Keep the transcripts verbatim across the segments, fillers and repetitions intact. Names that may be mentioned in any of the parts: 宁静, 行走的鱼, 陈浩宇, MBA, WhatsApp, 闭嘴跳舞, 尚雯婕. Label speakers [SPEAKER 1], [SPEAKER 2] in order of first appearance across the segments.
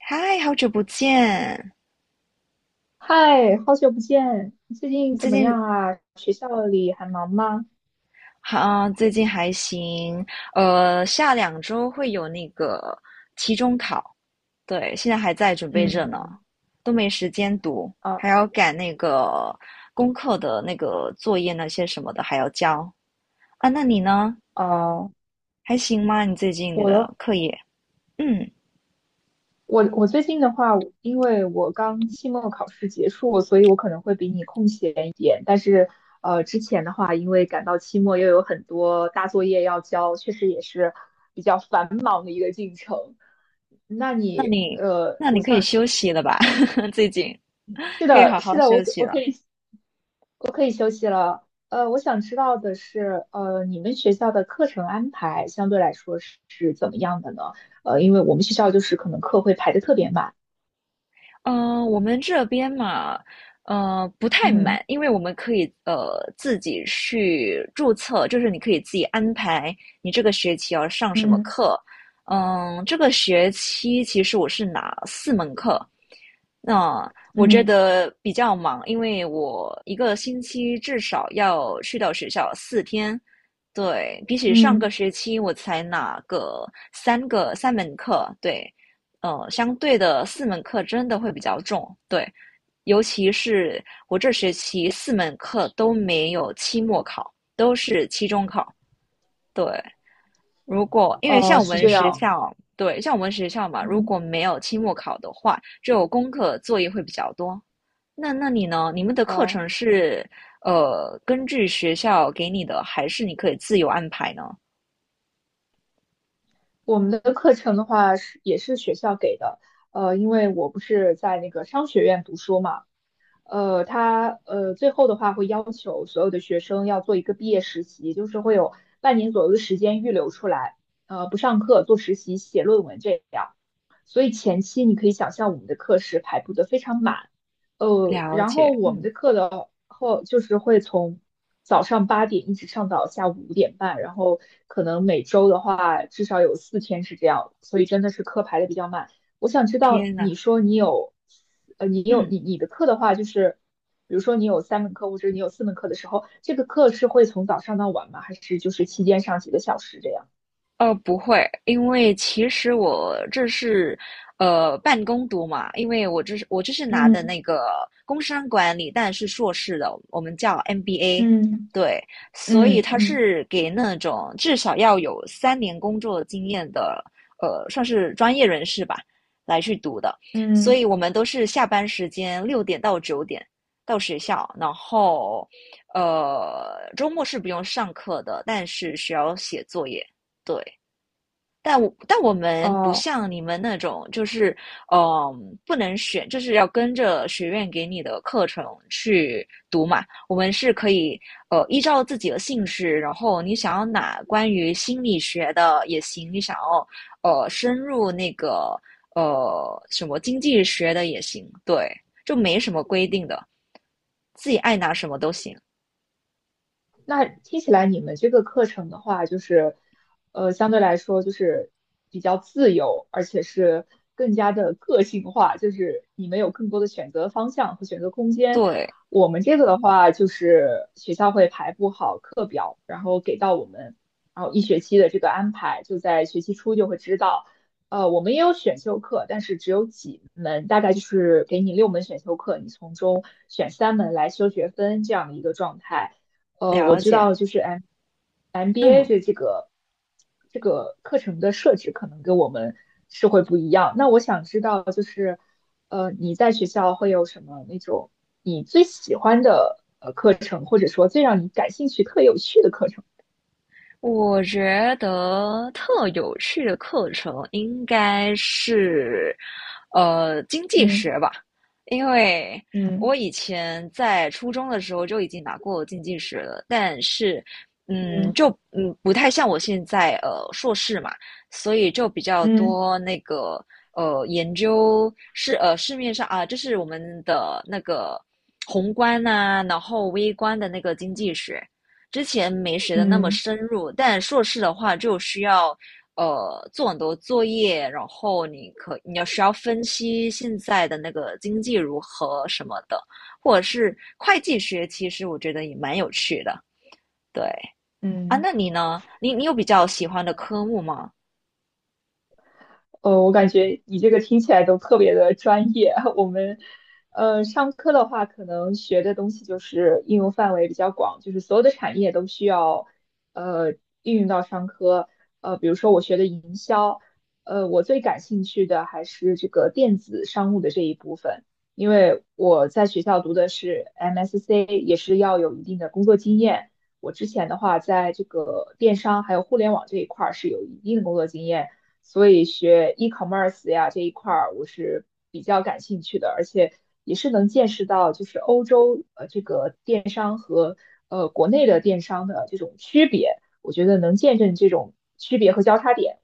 [SPEAKER 1] 嗨，好久不见！
[SPEAKER 2] 嗨，好久不见，你最近
[SPEAKER 1] 你
[SPEAKER 2] 怎
[SPEAKER 1] 最
[SPEAKER 2] 么
[SPEAKER 1] 近
[SPEAKER 2] 样啊？学校里还忙吗？
[SPEAKER 1] 好，啊最近还行。呃，下两周会有那个期中考，对，现在还在准备着呢，
[SPEAKER 2] 嗯，
[SPEAKER 1] 都没时间读，
[SPEAKER 2] 啊
[SPEAKER 1] 还要赶那个功课的那个作业那些什么的还要交啊。那你呢？
[SPEAKER 2] 啊，
[SPEAKER 1] 还行吗？你最近
[SPEAKER 2] 我的
[SPEAKER 1] 的课业？嗯，
[SPEAKER 2] 我我最近的话，因为我刚期末考试结束，所以我可能会比你空闲一点。但是呃，之前的话，因为赶到期末又有很多大作业要交，确实也是比较繁忙的一个进程。那
[SPEAKER 1] 那
[SPEAKER 2] 你
[SPEAKER 1] 你
[SPEAKER 2] 呃，
[SPEAKER 1] 那
[SPEAKER 2] 我
[SPEAKER 1] 你可以
[SPEAKER 2] 想
[SPEAKER 1] 休息了吧？最近
[SPEAKER 2] 是
[SPEAKER 1] 可以
[SPEAKER 2] 的，
[SPEAKER 1] 好
[SPEAKER 2] 是
[SPEAKER 1] 好
[SPEAKER 2] 的，
[SPEAKER 1] 休
[SPEAKER 2] 我
[SPEAKER 1] 息
[SPEAKER 2] 我可
[SPEAKER 1] 了。
[SPEAKER 2] 以。呃，我想知道的是，呃，你们学校的课程安排相对来说是是怎么样的呢？呃，因为我们学校就是可能课会排得特别满，
[SPEAKER 1] 嗯，我们这边嘛，呃，不太
[SPEAKER 2] 嗯，
[SPEAKER 1] 满，因为我们可以呃自己去注册，就是你可以自己安排你这个学期要上什么
[SPEAKER 2] 嗯
[SPEAKER 1] 课。嗯，这个学期其实我是拿四门课，那我觉
[SPEAKER 2] 嗯
[SPEAKER 1] 得比较忙，因为我一个星期至少要去到学校四天。对，比起上个
[SPEAKER 2] 嗯
[SPEAKER 1] 学期我才拿个三个三门课，对，呃，相对的四门课真的会比较重，对，尤其是我这学期四门课都没有期末考，都是期中考，对。如果
[SPEAKER 2] 嗯
[SPEAKER 1] 因为
[SPEAKER 2] 哦，
[SPEAKER 1] 像我
[SPEAKER 2] 是
[SPEAKER 1] 们
[SPEAKER 2] 这
[SPEAKER 1] 学
[SPEAKER 2] 样。
[SPEAKER 1] 校，对，像我们学校嘛，如
[SPEAKER 2] 嗯
[SPEAKER 1] 果没有期末考的话，就功课作业会比较多。那那你呢？你们的课
[SPEAKER 2] 哦，
[SPEAKER 1] 程是呃根据学校给你的，还是你可以自由安排呢？
[SPEAKER 2] 我们的课程的话是也是学校给的，呃，因为我不是在那个商学院读书嘛，呃，他呃最后的话会要求所有的学生要做一个毕业实习，就是会有半年左右的时间预留出来，呃，不上课，做实习、写论文这样。所以前期你可以想象我们的课时排布的非常满，呃，
[SPEAKER 1] 了
[SPEAKER 2] 然后
[SPEAKER 1] 解，
[SPEAKER 2] 我们
[SPEAKER 1] 嗯，
[SPEAKER 2] 的课的后就是会从早上八点一直上到下午五点半，然后可能每周的话至少有四天是这样，所以真的是课排的比较满。我想知道
[SPEAKER 1] 天呐，
[SPEAKER 2] 你说你有，呃，你有
[SPEAKER 1] 嗯。
[SPEAKER 2] 你你的课的话就是。比如说你有三门课或者你有四门课的时候，这个课是会从早上到晚吗？还是就是期间上几个小时这样？
[SPEAKER 1] 呃，不会，因为其实我这是呃半工读嘛，因为我这是我这是拿的那个工商管理，但是硕士的，我们叫 M B A，
[SPEAKER 2] 嗯
[SPEAKER 1] 对，所以
[SPEAKER 2] 嗯嗯嗯
[SPEAKER 1] 他
[SPEAKER 2] 嗯。
[SPEAKER 1] 是给那种至少要有三年工作经验的，呃，算是专业人士吧，来去读的，所
[SPEAKER 2] 嗯
[SPEAKER 1] 以我们都是下班时间六点到九点到学校，然后呃周末是不用上课的，但是需要写作业。对，但我但我们不
[SPEAKER 2] 哦，
[SPEAKER 1] 像你们那种，就是嗯、呃不能选，就是要跟着学院给你的课程去读嘛。我们是可以呃依照自己的兴趣，然后你想要哪关于心理学的也行，你想要呃深入那个呃什么经济学的也行，对，就没什么规定的，自己爱拿什么都行。
[SPEAKER 2] 那听起来你们这个课程的话，就是，呃，相对来说就是比较自由，而且是更加的个性化，就是你们有更多的选择方向和选择空间。
[SPEAKER 1] 对，
[SPEAKER 2] 我们这个的话，就是学校会排布好课表，然后给到我们，然后一学期的这个安排，就在学期初就会知道。呃，我们也有选修课，但是只有几门，大概就是给你六门选修课，你从中选三门来修学分这样的一个状态。呃，我
[SPEAKER 1] 了
[SPEAKER 2] 知
[SPEAKER 1] 解，
[SPEAKER 2] 道就是哎 M MBA
[SPEAKER 1] 嗯。
[SPEAKER 2] 的这个这个课程的设置可能跟我们是会不一样。那我想知道就是，呃，你在学校会有什么那种你最喜欢的呃课程，或者说最让你感兴趣、特有趣的课程？
[SPEAKER 1] 我觉得特有趣的课程应该是呃，经济
[SPEAKER 2] 嗯
[SPEAKER 1] 学吧，因为我
[SPEAKER 2] 嗯
[SPEAKER 1] 以前在初中的时候就已经拿过经济学了，但是，嗯，
[SPEAKER 2] 嗯
[SPEAKER 1] 就嗯不太像我现在呃硕士嘛，所以就比较
[SPEAKER 2] 嗯
[SPEAKER 1] 多那个呃研究市呃市面上啊，就是我们的那个宏观啊，然后微观的那个经济学。之前没学的那么
[SPEAKER 2] 嗯
[SPEAKER 1] 深入，但硕士的话就需要呃做很多作业，然后你可你要需要分析现在的那个经济如何什么的，或者是会计学，其实我觉得也蛮有趣的。对啊，
[SPEAKER 2] 嗯。
[SPEAKER 1] 那你呢？你你有比较喜欢的科目吗？
[SPEAKER 2] 呃，我感觉你这个听起来都特别的专业。我们，呃，上课的话，可能学的东西就是应用范围比较广，就是所有的产业都需要，呃，应用到商科。呃，比如说我学的营销，呃，我最感兴趣的还是这个电子商务的这一部分，因为我在学校读的是 M S C，也是要有一定的工作经验。我之前的话，在这个电商还有互联网这一块儿是有一定的工作经验。所以学 e-commerce 呀这一块儿我是比较感兴趣的，而且也是能见识到就是欧洲呃这个电商和呃国内的电商的这种区别，我觉得能见证这种区别和交叉点，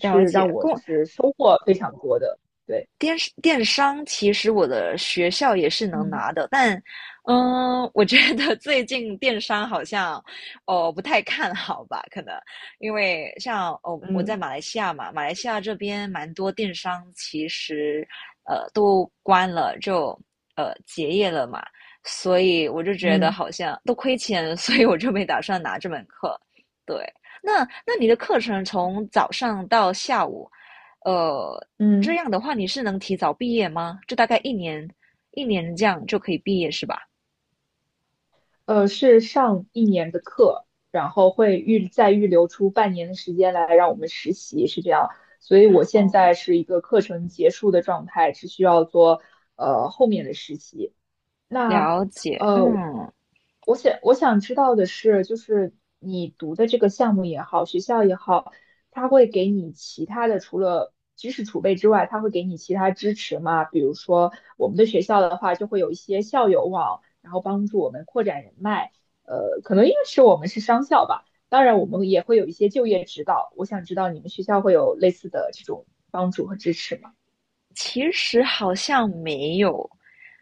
[SPEAKER 1] 了
[SPEAKER 2] 让
[SPEAKER 1] 解，
[SPEAKER 2] 我
[SPEAKER 1] 跟
[SPEAKER 2] 就
[SPEAKER 1] 我
[SPEAKER 2] 是收获非常多的。对，
[SPEAKER 1] 电电商其实我的学校也是能
[SPEAKER 2] 嗯
[SPEAKER 1] 拿的，但，嗯，我觉得 最近电商好像，哦，不太看好吧？可能因为像哦，我
[SPEAKER 2] 嗯
[SPEAKER 1] 在马来西亚嘛，马来西亚这边蛮多电商其实，呃，都关了，就呃结业了嘛，所以我就觉得
[SPEAKER 2] 嗯
[SPEAKER 1] 好像都亏钱，所以我就没打算拿这门课。对，那那你的课程从早上到下午，呃，这
[SPEAKER 2] 嗯。
[SPEAKER 1] 样的话，你是能提早毕业吗？就大概一年，一年这样就可以毕业是吧？
[SPEAKER 2] 呃，是上一年的课，然后会预再预留出半年的时间来让我们实习，是这样。所以我现
[SPEAKER 1] 哦，
[SPEAKER 2] 在是一个课程结束的状态，只需要做呃后面的实习。那
[SPEAKER 1] 了解。
[SPEAKER 2] 呃，
[SPEAKER 1] 嗯，
[SPEAKER 2] 我想我想知道的是，就是你读的这个项目也好，学校也好，它会给你其他的除了知识储备之外，它会给你其他支持吗？比如说我们的学校的话，就会有一些校友网，然后帮助我们扩展人脉。呃，可能因为是我们是商校吧，当然我们也会有一些就业指导。我想知道你们学校会有类似的这种帮助和支持吗？
[SPEAKER 1] 其实好像没有，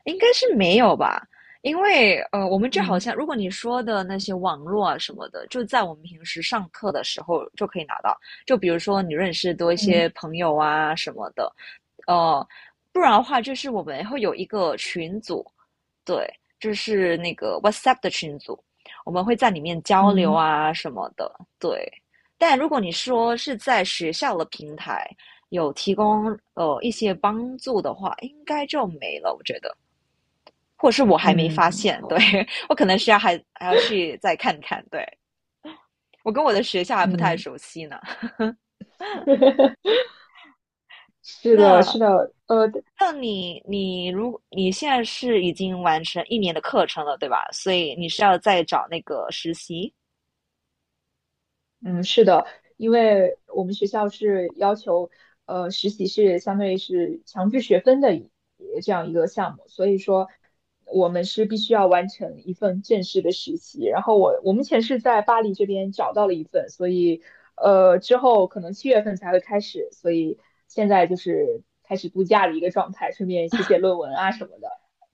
[SPEAKER 1] 应该是没有吧。因为呃，我们就好
[SPEAKER 2] 嗯
[SPEAKER 1] 像如果你说的那些网络啊什么的，就在我们平时上课的时候就可以拿到。就比如说你认识多一
[SPEAKER 2] 嗯
[SPEAKER 1] 些朋友啊什么的，呃，不然的话就是我们会有一个群组，对，就是那个 WhatsApp 的群组，我们会在里面交流
[SPEAKER 2] 嗯
[SPEAKER 1] 啊什么的。对，但如果你说是在学校的平台有提供呃一些帮助的话，应该就没了，我觉得，或者是我还没发
[SPEAKER 2] 嗯，
[SPEAKER 1] 现，对，
[SPEAKER 2] 好，
[SPEAKER 1] 我可能需要还还要去再看看。对，我跟我的学校还不太
[SPEAKER 2] 嗯。
[SPEAKER 1] 熟悉呢。
[SPEAKER 2] 是的，是
[SPEAKER 1] 那
[SPEAKER 2] 的，呃，
[SPEAKER 1] 那你你如你现在是已经完成一年的课程了，对吧？所以你是要再找那个实习。
[SPEAKER 2] 嗯，是的，因为我们学校是要求，呃，实习是相当于是强制学分的一呃这样一个项目，所以说我们是必须要完成一份正式的实习。然后我我目前是在巴黎这边找到了一份，所以呃之后可能七月份才会开始，所以现在就是开始度假的一个状态，顺便写写论文啊什么的。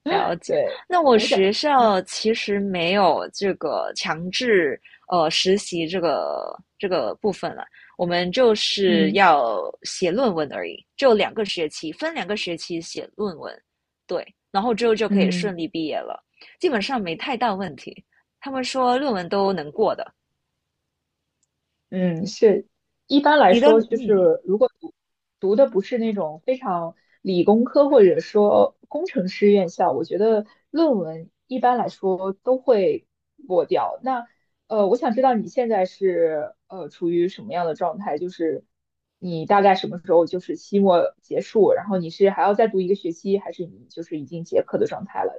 [SPEAKER 1] 了解，
[SPEAKER 2] 对，
[SPEAKER 1] 那我
[SPEAKER 2] 我想，
[SPEAKER 1] 学
[SPEAKER 2] 嗯
[SPEAKER 1] 校其实没有这个强制呃实习这个这个部分了，我们就是
[SPEAKER 2] 嗯。
[SPEAKER 1] 要写论文而已，就两个学期，分两个学期写论文，对，然后之后就可以顺
[SPEAKER 2] 嗯
[SPEAKER 1] 利毕业了，基本上没太大问题。他们说论文都能过的，
[SPEAKER 2] 嗯，是，一般来
[SPEAKER 1] 你都
[SPEAKER 2] 说，就
[SPEAKER 1] 嗯，
[SPEAKER 2] 是如果读读的不是那种非常理工科或者说工程师院校，我觉得论文一般来说都会过掉。那呃，我想知道你现在是呃处于什么样的状态？就是你大概什么时候就是期末结束，然后你是还要再读一个学期，还是你就是已经结课的状态了？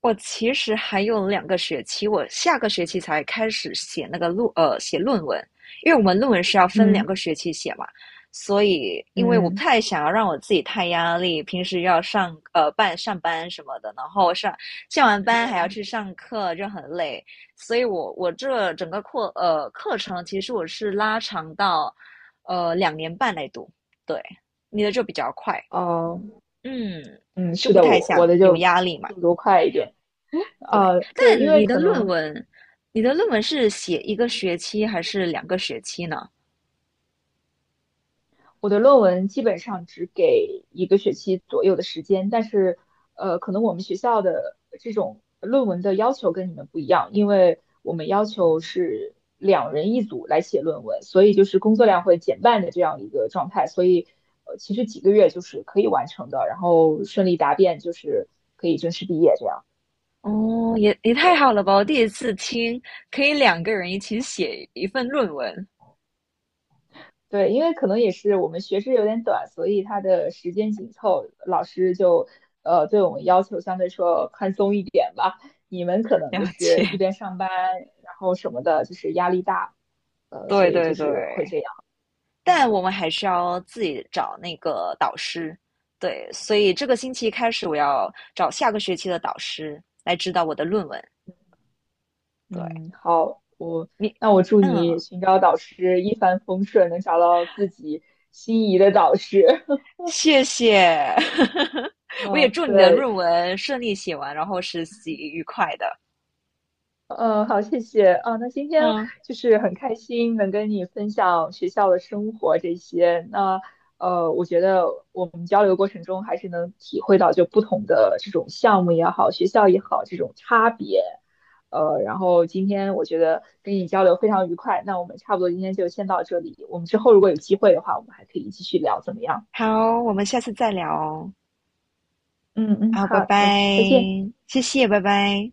[SPEAKER 1] 我其实还有两个学期，我下个学期才开始写那个论呃写论文，因为我们论文是要分两
[SPEAKER 2] 嗯
[SPEAKER 1] 个学期写嘛，所以因为我不
[SPEAKER 2] 嗯。
[SPEAKER 1] 太想要让我自己太压力，平时要上呃办上班什么的，然后上下完班还要
[SPEAKER 2] 嗯
[SPEAKER 1] 去上课，就很累，所以我我这整个课呃课程其实我是拉长到呃两年半来读，对，你的就比较快，
[SPEAKER 2] 哦，
[SPEAKER 1] 嗯，
[SPEAKER 2] 嗯，
[SPEAKER 1] 就
[SPEAKER 2] 是
[SPEAKER 1] 不
[SPEAKER 2] 的，
[SPEAKER 1] 太
[SPEAKER 2] 我我
[SPEAKER 1] 想
[SPEAKER 2] 的
[SPEAKER 1] 有
[SPEAKER 2] 就
[SPEAKER 1] 压力嘛。
[SPEAKER 2] 速度快一点。
[SPEAKER 1] 对，
[SPEAKER 2] 呃，对，
[SPEAKER 1] 但
[SPEAKER 2] 因为
[SPEAKER 1] 你的
[SPEAKER 2] 可
[SPEAKER 1] 论
[SPEAKER 2] 能
[SPEAKER 1] 文，你的论文是写一个学期还是两个学期呢？
[SPEAKER 2] 我的论文基本上只给一个学期左右的时间，但是呃，可能我们学校的这种论文的要求跟你们不一样，因为我们要求是两人一组来写论文，所以就是工作量会减半的这样一个状态，所以呃，其实几个月就是可以完成的，然后顺利答辩就是可以正式毕业这样。
[SPEAKER 1] 哦，也也太好
[SPEAKER 2] 对。
[SPEAKER 1] 了吧！我第一次听可以两个人一起写一份论文，
[SPEAKER 2] 对，因为可能也是我们学制有点短，所以它的时间紧凑，老师就呃对我们要求相对说宽松一点吧。你们可能就
[SPEAKER 1] 了
[SPEAKER 2] 是一
[SPEAKER 1] 解。
[SPEAKER 2] 边上班，然后什么的，就是压力大，呃，
[SPEAKER 1] 对
[SPEAKER 2] 所以
[SPEAKER 1] 对
[SPEAKER 2] 就
[SPEAKER 1] 对，
[SPEAKER 2] 是会这样。
[SPEAKER 1] 但
[SPEAKER 2] 嗯
[SPEAKER 1] 我们还是要自己找那个导师。对，所以这个星期开始，我要找下个学期的导师来指导我的论文。对
[SPEAKER 2] 嗯，好，我
[SPEAKER 1] 你，
[SPEAKER 2] 那我祝你
[SPEAKER 1] 嗯，
[SPEAKER 2] 寻找导师一帆风顺，能找到自己心仪的导师。
[SPEAKER 1] 谢谢，我也
[SPEAKER 2] 嗯，
[SPEAKER 1] 祝你的
[SPEAKER 2] 对。
[SPEAKER 1] 论文顺利写完，然后实习愉快的。
[SPEAKER 2] 呃，好，谢谢啊。那今天
[SPEAKER 1] 嗯，
[SPEAKER 2] 就是很开心能跟你分享学校的生活这些。那呃，我觉得我们交流过程中还是能体会到就不同的这种项目也好，学校也好，这种差别。呃，然后今天我觉得跟你交流非常愉快。那我们差不多今天就先到这里。我们之后如果有机会的话，我们还可以继续聊，怎么样？
[SPEAKER 1] 好，我们下次再聊哦。
[SPEAKER 2] 嗯嗯，
[SPEAKER 1] 好，拜
[SPEAKER 2] 好，
[SPEAKER 1] 拜，
[SPEAKER 2] 那再见。
[SPEAKER 1] 谢谢，拜拜。